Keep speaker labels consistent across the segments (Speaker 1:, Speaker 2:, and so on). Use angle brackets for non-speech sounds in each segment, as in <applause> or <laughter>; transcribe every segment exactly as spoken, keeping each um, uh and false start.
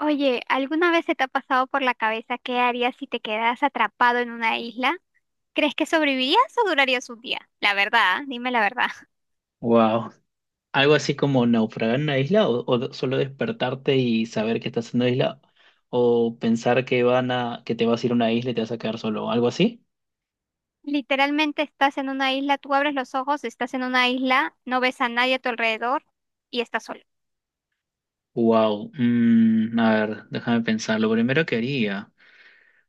Speaker 1: Oye, ¿alguna vez se te ha pasado por la cabeza qué harías si te quedas atrapado en una isla? ¿Crees que sobrevivirías o durarías un día? La verdad, ¿ah? Dime la verdad. <laughs>
Speaker 2: Wow. Algo así como naufragar en una isla o, o solo despertarte y saber que estás en una isla o pensar que van a que te vas a ir a una isla y te vas a quedar solo, algo así.
Speaker 1: Literalmente estás en una isla, tú abres los ojos, estás en una isla, no ves a nadie a tu alrededor y estás solo.
Speaker 2: Wow. A ver, déjame pensar. Lo primero que haría.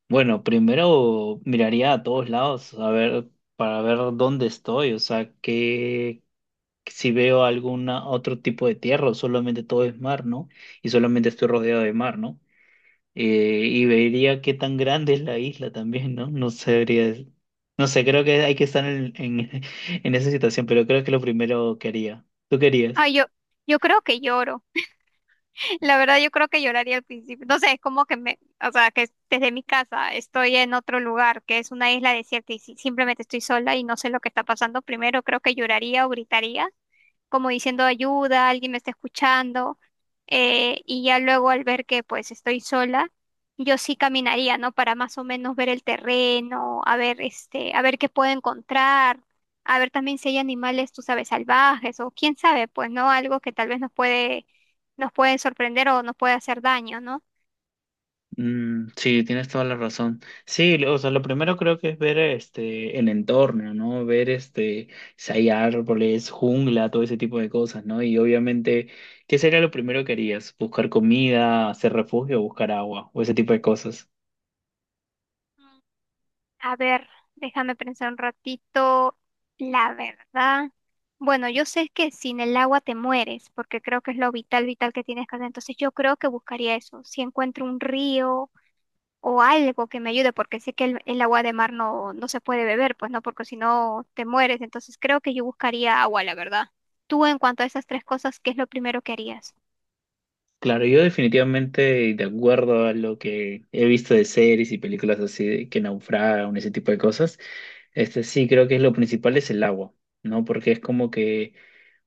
Speaker 2: Bueno, primero miraría a todos lados a ver para ver dónde estoy, o sea, que si veo alguna otro tipo de tierra o solamente todo es mar, ¿no? Y solamente estoy rodeado de mar, ¿no? Eh, y vería qué tan grande es la isla también, ¿no? No sabría. No sé, creo que hay que estar en, en, <laughs> en esa situación, pero creo que lo primero que haría. ¿Tú querías?
Speaker 1: Ay, yo, yo creo que lloro. La verdad, yo creo que lloraría al principio. No sé, es como que me, o sea, que desde mi casa estoy en otro lugar, que es una isla desierta y si- simplemente estoy sola y no sé lo que está pasando. Primero creo que lloraría o gritaría, como diciendo ayuda, alguien me está escuchando. Eh, y ya luego al ver que pues estoy sola, yo sí caminaría, ¿no? Para más o menos ver el terreno, a ver este, a ver qué puedo encontrar. A ver también si hay animales, tú sabes, salvajes o quién sabe, pues, ¿no? Algo que tal vez nos puede nos pueden sorprender o nos puede hacer daño, ¿no?
Speaker 2: Mm, sí, tienes toda la razón. Sí, lo- o sea, lo primero creo que es ver este el entorno, ¿no? Ver este si hay árboles, jungla, todo ese tipo de cosas, ¿no? Y obviamente, ¿qué sería lo primero que harías? ¿Buscar comida, hacer refugio, buscar agua o ese tipo de cosas?
Speaker 1: A ver, déjame pensar un ratito. La verdad. Bueno, yo sé que sin el agua te mueres, porque creo que es lo vital, vital que tienes que hacer. Entonces yo creo que buscaría eso. Si encuentro un río o algo que me ayude, porque sé que el, el agua de mar no, no se puede beber, pues no, porque si no te mueres. Entonces creo que yo buscaría agua, la verdad. Tú en cuanto a esas tres cosas, ¿qué es lo primero que harías?
Speaker 2: Claro, yo definitivamente, de acuerdo a lo que he visto de series y películas así de que naufragan, ese tipo de cosas, este sí creo que es lo principal es el agua, ¿no? Porque es como que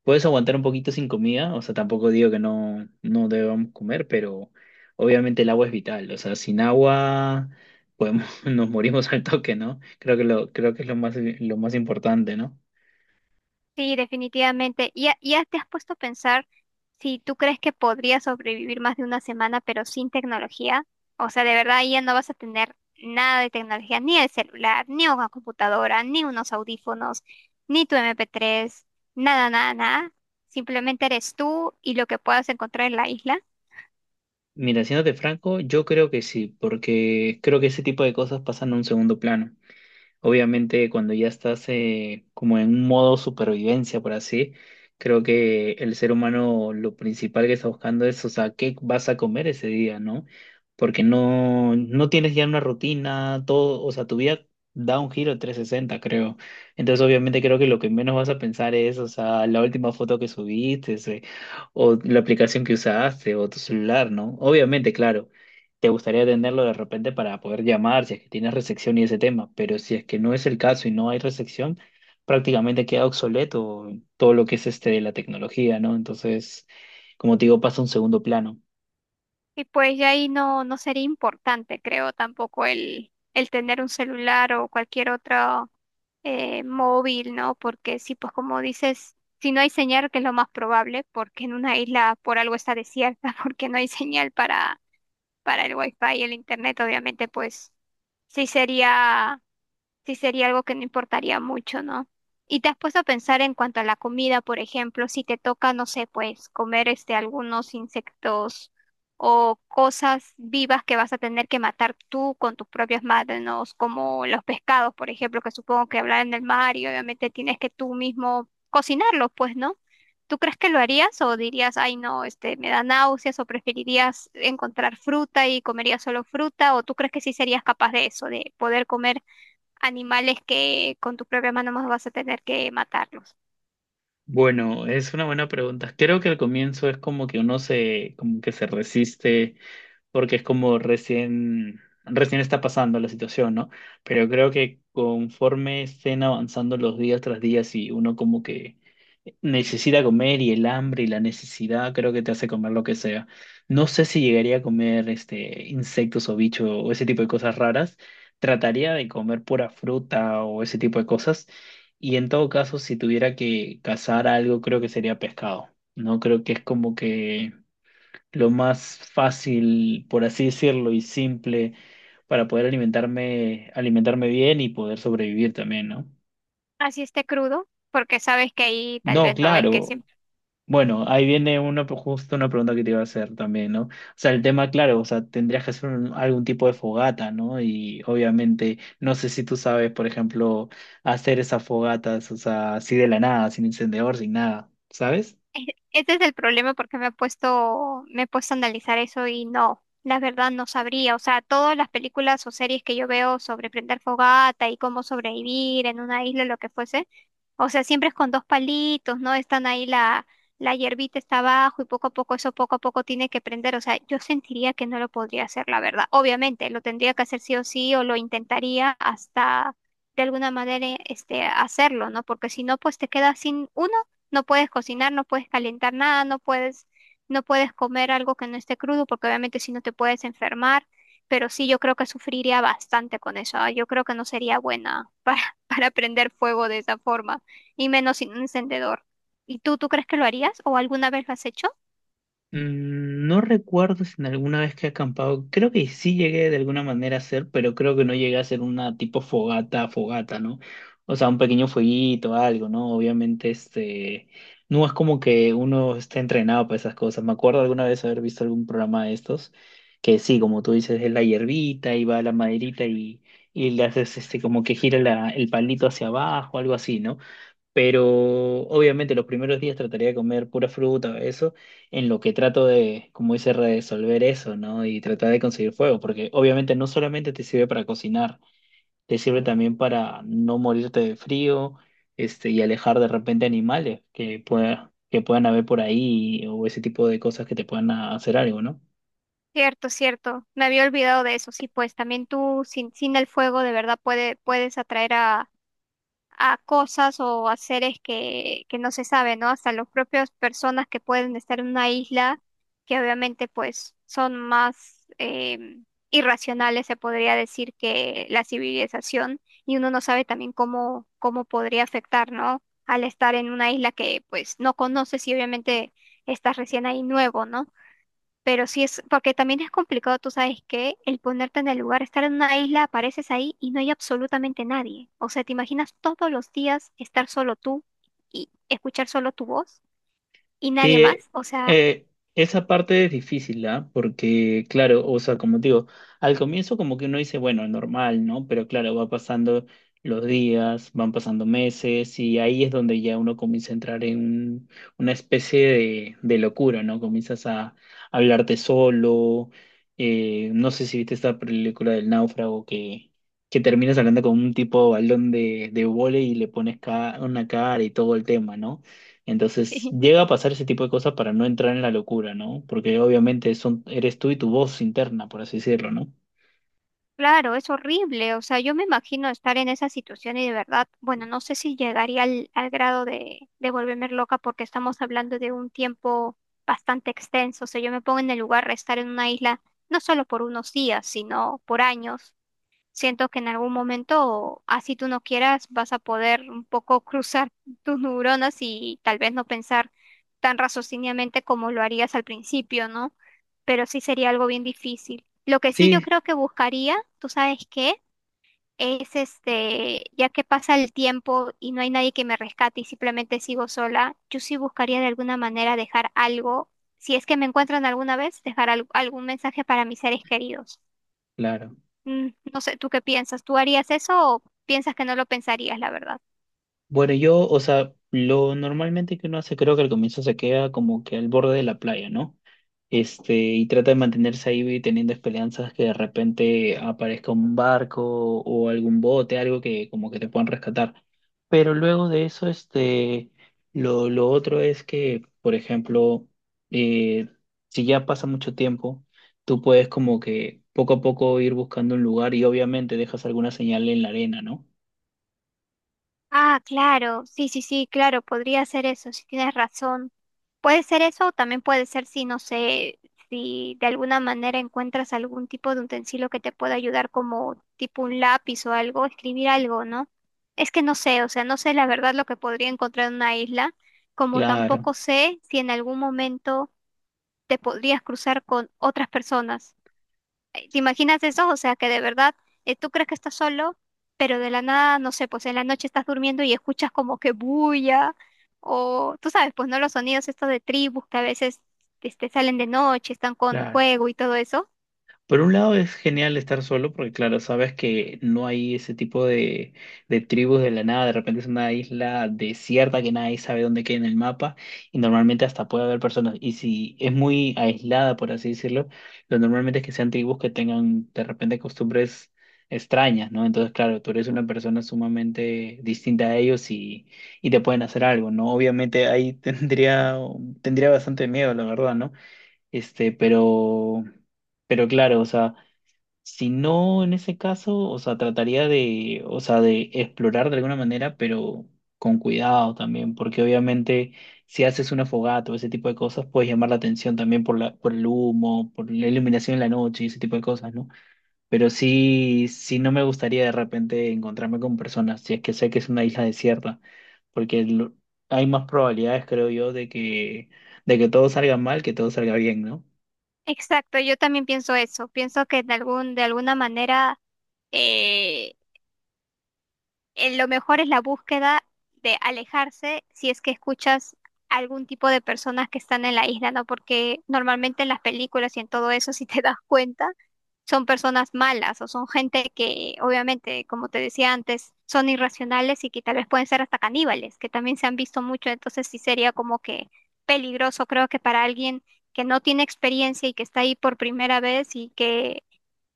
Speaker 2: puedes aguantar un poquito sin comida, o sea, tampoco digo que no, no debamos comer, pero obviamente el agua es vital, o sea, sin agua podemos, <laughs> nos morimos al toque, ¿no? Creo que lo, creo que es lo más, lo más importante, ¿no?
Speaker 1: Sí, definitivamente. ¿Y ya, ya te has puesto a pensar si tú crees que podrías sobrevivir más de una semana pero sin tecnología? O sea, de verdad ahí ya no vas a tener nada de tecnología, ni el celular, ni una computadora, ni unos audífonos, ni tu M P tres, nada, nada, nada. Simplemente eres tú y lo que puedas encontrar en la isla.
Speaker 2: Mira, siéndote franco, yo creo que sí, porque creo que ese tipo de cosas pasan a un segundo plano. Obviamente, cuando ya estás eh, como en un modo supervivencia, por así, creo que el ser humano lo principal que está buscando es, o sea, qué vas a comer ese día, ¿no? Porque no, no tienes ya una rutina, todo, o sea, tu vida da un giro de trescientos sesenta creo. Entonces, obviamente, creo que lo que menos vas a pensar es, o sea, la última foto que subiste, ese, o la aplicación que usaste, o tu celular, ¿no? Obviamente, claro te gustaría tenerlo de repente para poder llamar si es que tienes resección y ese tema, pero si es que no es el caso y no hay resección, prácticamente queda obsoleto todo lo que es este de la tecnología, ¿no? Entonces, como te digo, pasa a un segundo plano.
Speaker 1: Y pues ya ahí no, no sería importante, creo, tampoco el, el tener un celular o cualquier otro eh, móvil, ¿no? Porque sí, pues como dices, si no hay señal, que es lo más probable, porque en una isla por algo está desierta, <laughs> porque no hay señal para, para el wifi y el internet, obviamente, pues sí sería sí sería algo que no importaría mucho, ¿no? ¿Y te has puesto a pensar en cuanto a la comida, por ejemplo, si te toca, no sé, pues comer este algunos insectos o cosas vivas que vas a tener que matar tú con tus propias manos, como los pescados, por ejemplo, que supongo que hablan en el mar y obviamente tienes que tú mismo cocinarlos, pues, ¿no? ¿Tú crees que lo harías o dirías, ay, no, este, me da náuseas, o preferirías encontrar fruta y comerías solo fruta, o tú crees que sí serías capaz de eso, de poder comer animales que con tu propia mano más vas a tener que matarlos?
Speaker 2: Bueno, es una buena pregunta. Creo que al comienzo es como que uno se, como que se resiste, porque es como recién, recién está pasando la situación, ¿no? Pero creo que conforme estén avanzando los días tras días y uno como que necesita comer y el hambre y la necesidad creo que te hace comer lo que sea. No sé si llegaría a comer este insectos o bichos o ese tipo de cosas raras. Trataría de comer pura fruta o ese tipo de cosas. Y en todo caso, si tuviera que cazar algo, creo que sería pescado. No creo que es como que lo más fácil, por así decirlo, y simple para poder alimentarme, alimentarme bien y poder sobrevivir también, ¿no?
Speaker 1: Así esté crudo, porque sabes que ahí tal
Speaker 2: No,
Speaker 1: vez no es que...
Speaker 2: claro. Bueno, ahí viene una, justo una pregunta que te iba a hacer también, ¿no? O sea, el tema, claro, o sea, tendrías que hacer un- algún tipo de fogata, ¿no? Y obviamente, no sé si tú sabes, por ejemplo, hacer esas fogatas, o sea, así de la nada, sin encendedor, sin nada, ¿sabes?
Speaker 1: E- Ese es el problema porque me he puesto, me he puesto a analizar eso y no, la verdad no sabría. O sea, todas las películas o series que yo veo sobre prender fogata y cómo sobrevivir en una isla, lo que fuese, o sea, siempre es con dos palitos, ¿no? Están ahí la, la hierbita está abajo y poco a poco eso poco a poco tiene que prender. O sea, yo sentiría que no lo podría hacer, la verdad. Obviamente, lo tendría que hacer sí o sí, o lo intentaría hasta de alguna manera este hacerlo, ¿no? Porque si no, pues te quedas sin una... no puedes cocinar, no puedes calentar nada, no puedes, no puedes comer algo que no esté crudo, porque obviamente si no te puedes enfermar. Pero sí, yo creo que sufriría bastante con eso. ah, Yo creo que no sería buena para, <laughs> para prender fuego de esa forma, y menos sin un encendedor. ¿Y tú, tú crees que lo harías o alguna vez lo has hecho?
Speaker 2: Mm, No recuerdo si en alguna vez que he acampado, creo que sí llegué de alguna manera a hacer, pero creo que no llegué a hacer una tipo fogata, fogata, ¿no? O sea, un pequeño fueguito, algo, ¿no? Obviamente, este, no es como que uno esté entrenado para esas cosas. Me acuerdo alguna vez haber visto algún programa de estos, que sí, como tú dices, es la hierbita y va la maderita y, y le haces, este, como que gira la- el palito hacia abajo, algo así, ¿no? Pero obviamente los primeros días trataría de comer pura fruta, eso, en lo que trato de, como dice, resolver eso, ¿no? Y tratar de conseguir fuego, porque obviamente no solamente te sirve para cocinar, te sirve también para no morirte de frío, este, y alejar de repente animales que pueda, que puedan haber por ahí o ese tipo de cosas que te puedan hacer algo, ¿no?
Speaker 1: Cierto, cierto. Me había olvidado de eso. Sí, pues también tú sin, sin el fuego de verdad puede, puedes atraer a, a cosas o a seres que, que no se sabe, ¿no? Hasta las propias personas que pueden estar en una isla, que obviamente pues son más eh, irracionales, se podría decir, que la civilización, y uno no sabe también cómo, cómo podría afectar, ¿no? Al estar en una isla que pues no conoces y obviamente estás recién ahí nuevo, ¿no? Pero sí es, porque también es complicado, tú sabes, que el ponerte en el lugar, estar en una isla, apareces ahí y no hay absolutamente nadie. O sea, ¿te imaginas todos los días estar solo tú y escuchar solo tu voz y
Speaker 2: Sí,
Speaker 1: nadie
Speaker 2: eh,
Speaker 1: más? O sea,
Speaker 2: eh, esa parte es difícil, ¿ah? Porque, claro, o sea, como te digo, al comienzo como que uno dice, bueno, normal, ¿no? Pero claro, va pasando los días, van pasando meses y ahí es donde ya uno comienza a entrar en un- una especie de, de locura, ¿no? Comienzas a hablarte solo, eh, no sé si viste esta película del náufrago que, que terminas hablando con un tipo balón de, de vóley y le pones ca- una cara y todo el tema, ¿no? Entonces
Speaker 1: <laughs>
Speaker 2: llega a pasar ese tipo de cosas para no entrar en la locura, ¿no? Porque obviamente son, eres tú y tu voz interna, por así decirlo, ¿no?
Speaker 1: claro, es horrible. O sea, yo me imagino estar en esa situación y de verdad, bueno, no sé si llegaría al, al grado de, de volverme loca, porque estamos hablando de un tiempo bastante extenso. O sea, yo me pongo en el lugar de estar en una isla no solo por unos días, sino por años. Siento que en algún momento, así tú no quieras, vas a poder un poco <laughs> cruzar tus neuronas y tal vez no pensar tan raciocinadamente como lo harías al principio, ¿no? Pero sí sería algo bien difícil. Lo que sí yo
Speaker 2: Sí,
Speaker 1: creo que buscaría, ¿tú sabes qué? Es este, ya que pasa el tiempo y no hay nadie que me rescate y simplemente sigo sola, yo sí buscaría de alguna manera dejar algo, si es que me encuentran alguna vez, dejar al- algún mensaje para mis seres queridos.
Speaker 2: claro.
Speaker 1: Mm, no sé, ¿tú qué piensas? ¿Tú harías eso o piensas que no lo pensarías, la verdad?
Speaker 2: Bueno, yo, o sea, lo normalmente que uno hace, creo que al comienzo se queda como que al borde de la playa, ¿no? Este, y trata de mantenerse ahí y teniendo esperanzas que de repente aparezca un barco o algún bote, algo que como que te puedan rescatar. Pero luego de eso, este, lo, lo otro es que, por ejemplo, eh, si ya pasa mucho tiempo, tú puedes como que poco a poco ir buscando un lugar y obviamente dejas alguna señal en la arena, ¿no?
Speaker 1: Ah, claro, sí, sí, sí, claro, podría ser eso, si tienes razón. Puede ser eso o también puede ser si, no sé, si de alguna manera encuentras algún tipo de utensilio que te pueda ayudar como tipo un lápiz o algo, escribir algo, ¿no? Es que no sé, o sea, no sé la verdad lo que podría encontrar en una isla, como
Speaker 2: Claro,
Speaker 1: tampoco sé si en algún momento te podrías cruzar con otras personas. eh, ¿Te imaginas eso? O sea, que de verdad eh, tú crees que estás solo, pero de la nada, no sé, pues en la noche estás durmiendo y escuchas como que bulla, o tú sabes, pues no, los sonidos estos de tribus que a veces este, salen de noche, están con
Speaker 2: claro.
Speaker 1: fuego y todo eso.
Speaker 2: Por un lado es genial estar solo porque claro, sabes que no hay ese tipo de, de tribus de la nada, de repente es una isla desierta que nadie sabe dónde queda en el mapa y normalmente hasta puede haber personas y si es muy aislada, por así decirlo, lo normalmente es que sean tribus que tengan de repente costumbres extrañas, ¿no? Entonces claro, tú eres una persona sumamente distinta a ellos y, y te pueden hacer algo, ¿no? Obviamente ahí <laughs> tendría, tendría bastante miedo, la verdad, ¿no? Este, pero, pero claro, o sea, si no en ese caso, o sea, trataría de, o sea, de explorar de alguna manera, pero con cuidado también, porque obviamente si haces una fogata o ese tipo de cosas, puedes llamar la atención también por la, por el humo, por la iluminación en la noche y ese tipo de cosas, ¿no? Pero sí, sí no me gustaría de repente encontrarme con personas, si es que sé que es una isla desierta, porque lo- hay más probabilidades, creo yo, de que, de que todo salga mal que todo salga bien, ¿no?
Speaker 1: Exacto, yo también pienso eso. Pienso que de algún, de alguna manera eh, eh, lo mejor es la búsqueda de alejarse si es que escuchas algún tipo de personas que están en la isla, ¿no? Porque normalmente en las películas y en todo eso, <laughs> si te das cuenta, son personas malas o son gente que, obviamente, como te decía antes, son irracionales y que tal vez pueden ser hasta caníbales, que también se han visto mucho, entonces sí sería como que peligroso, creo, que para alguien que no tiene experiencia y que está ahí por primera vez y que,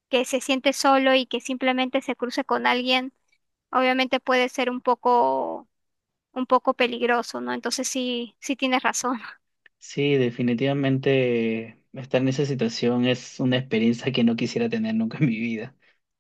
Speaker 1: que se siente solo y que simplemente se cruce con alguien obviamente puede ser un poco, un poco peligroso, ¿no? Entonces sí, sí tienes razón.
Speaker 2: Sí, definitivamente estar en esa situación es una experiencia que no quisiera tener nunca en mi vida.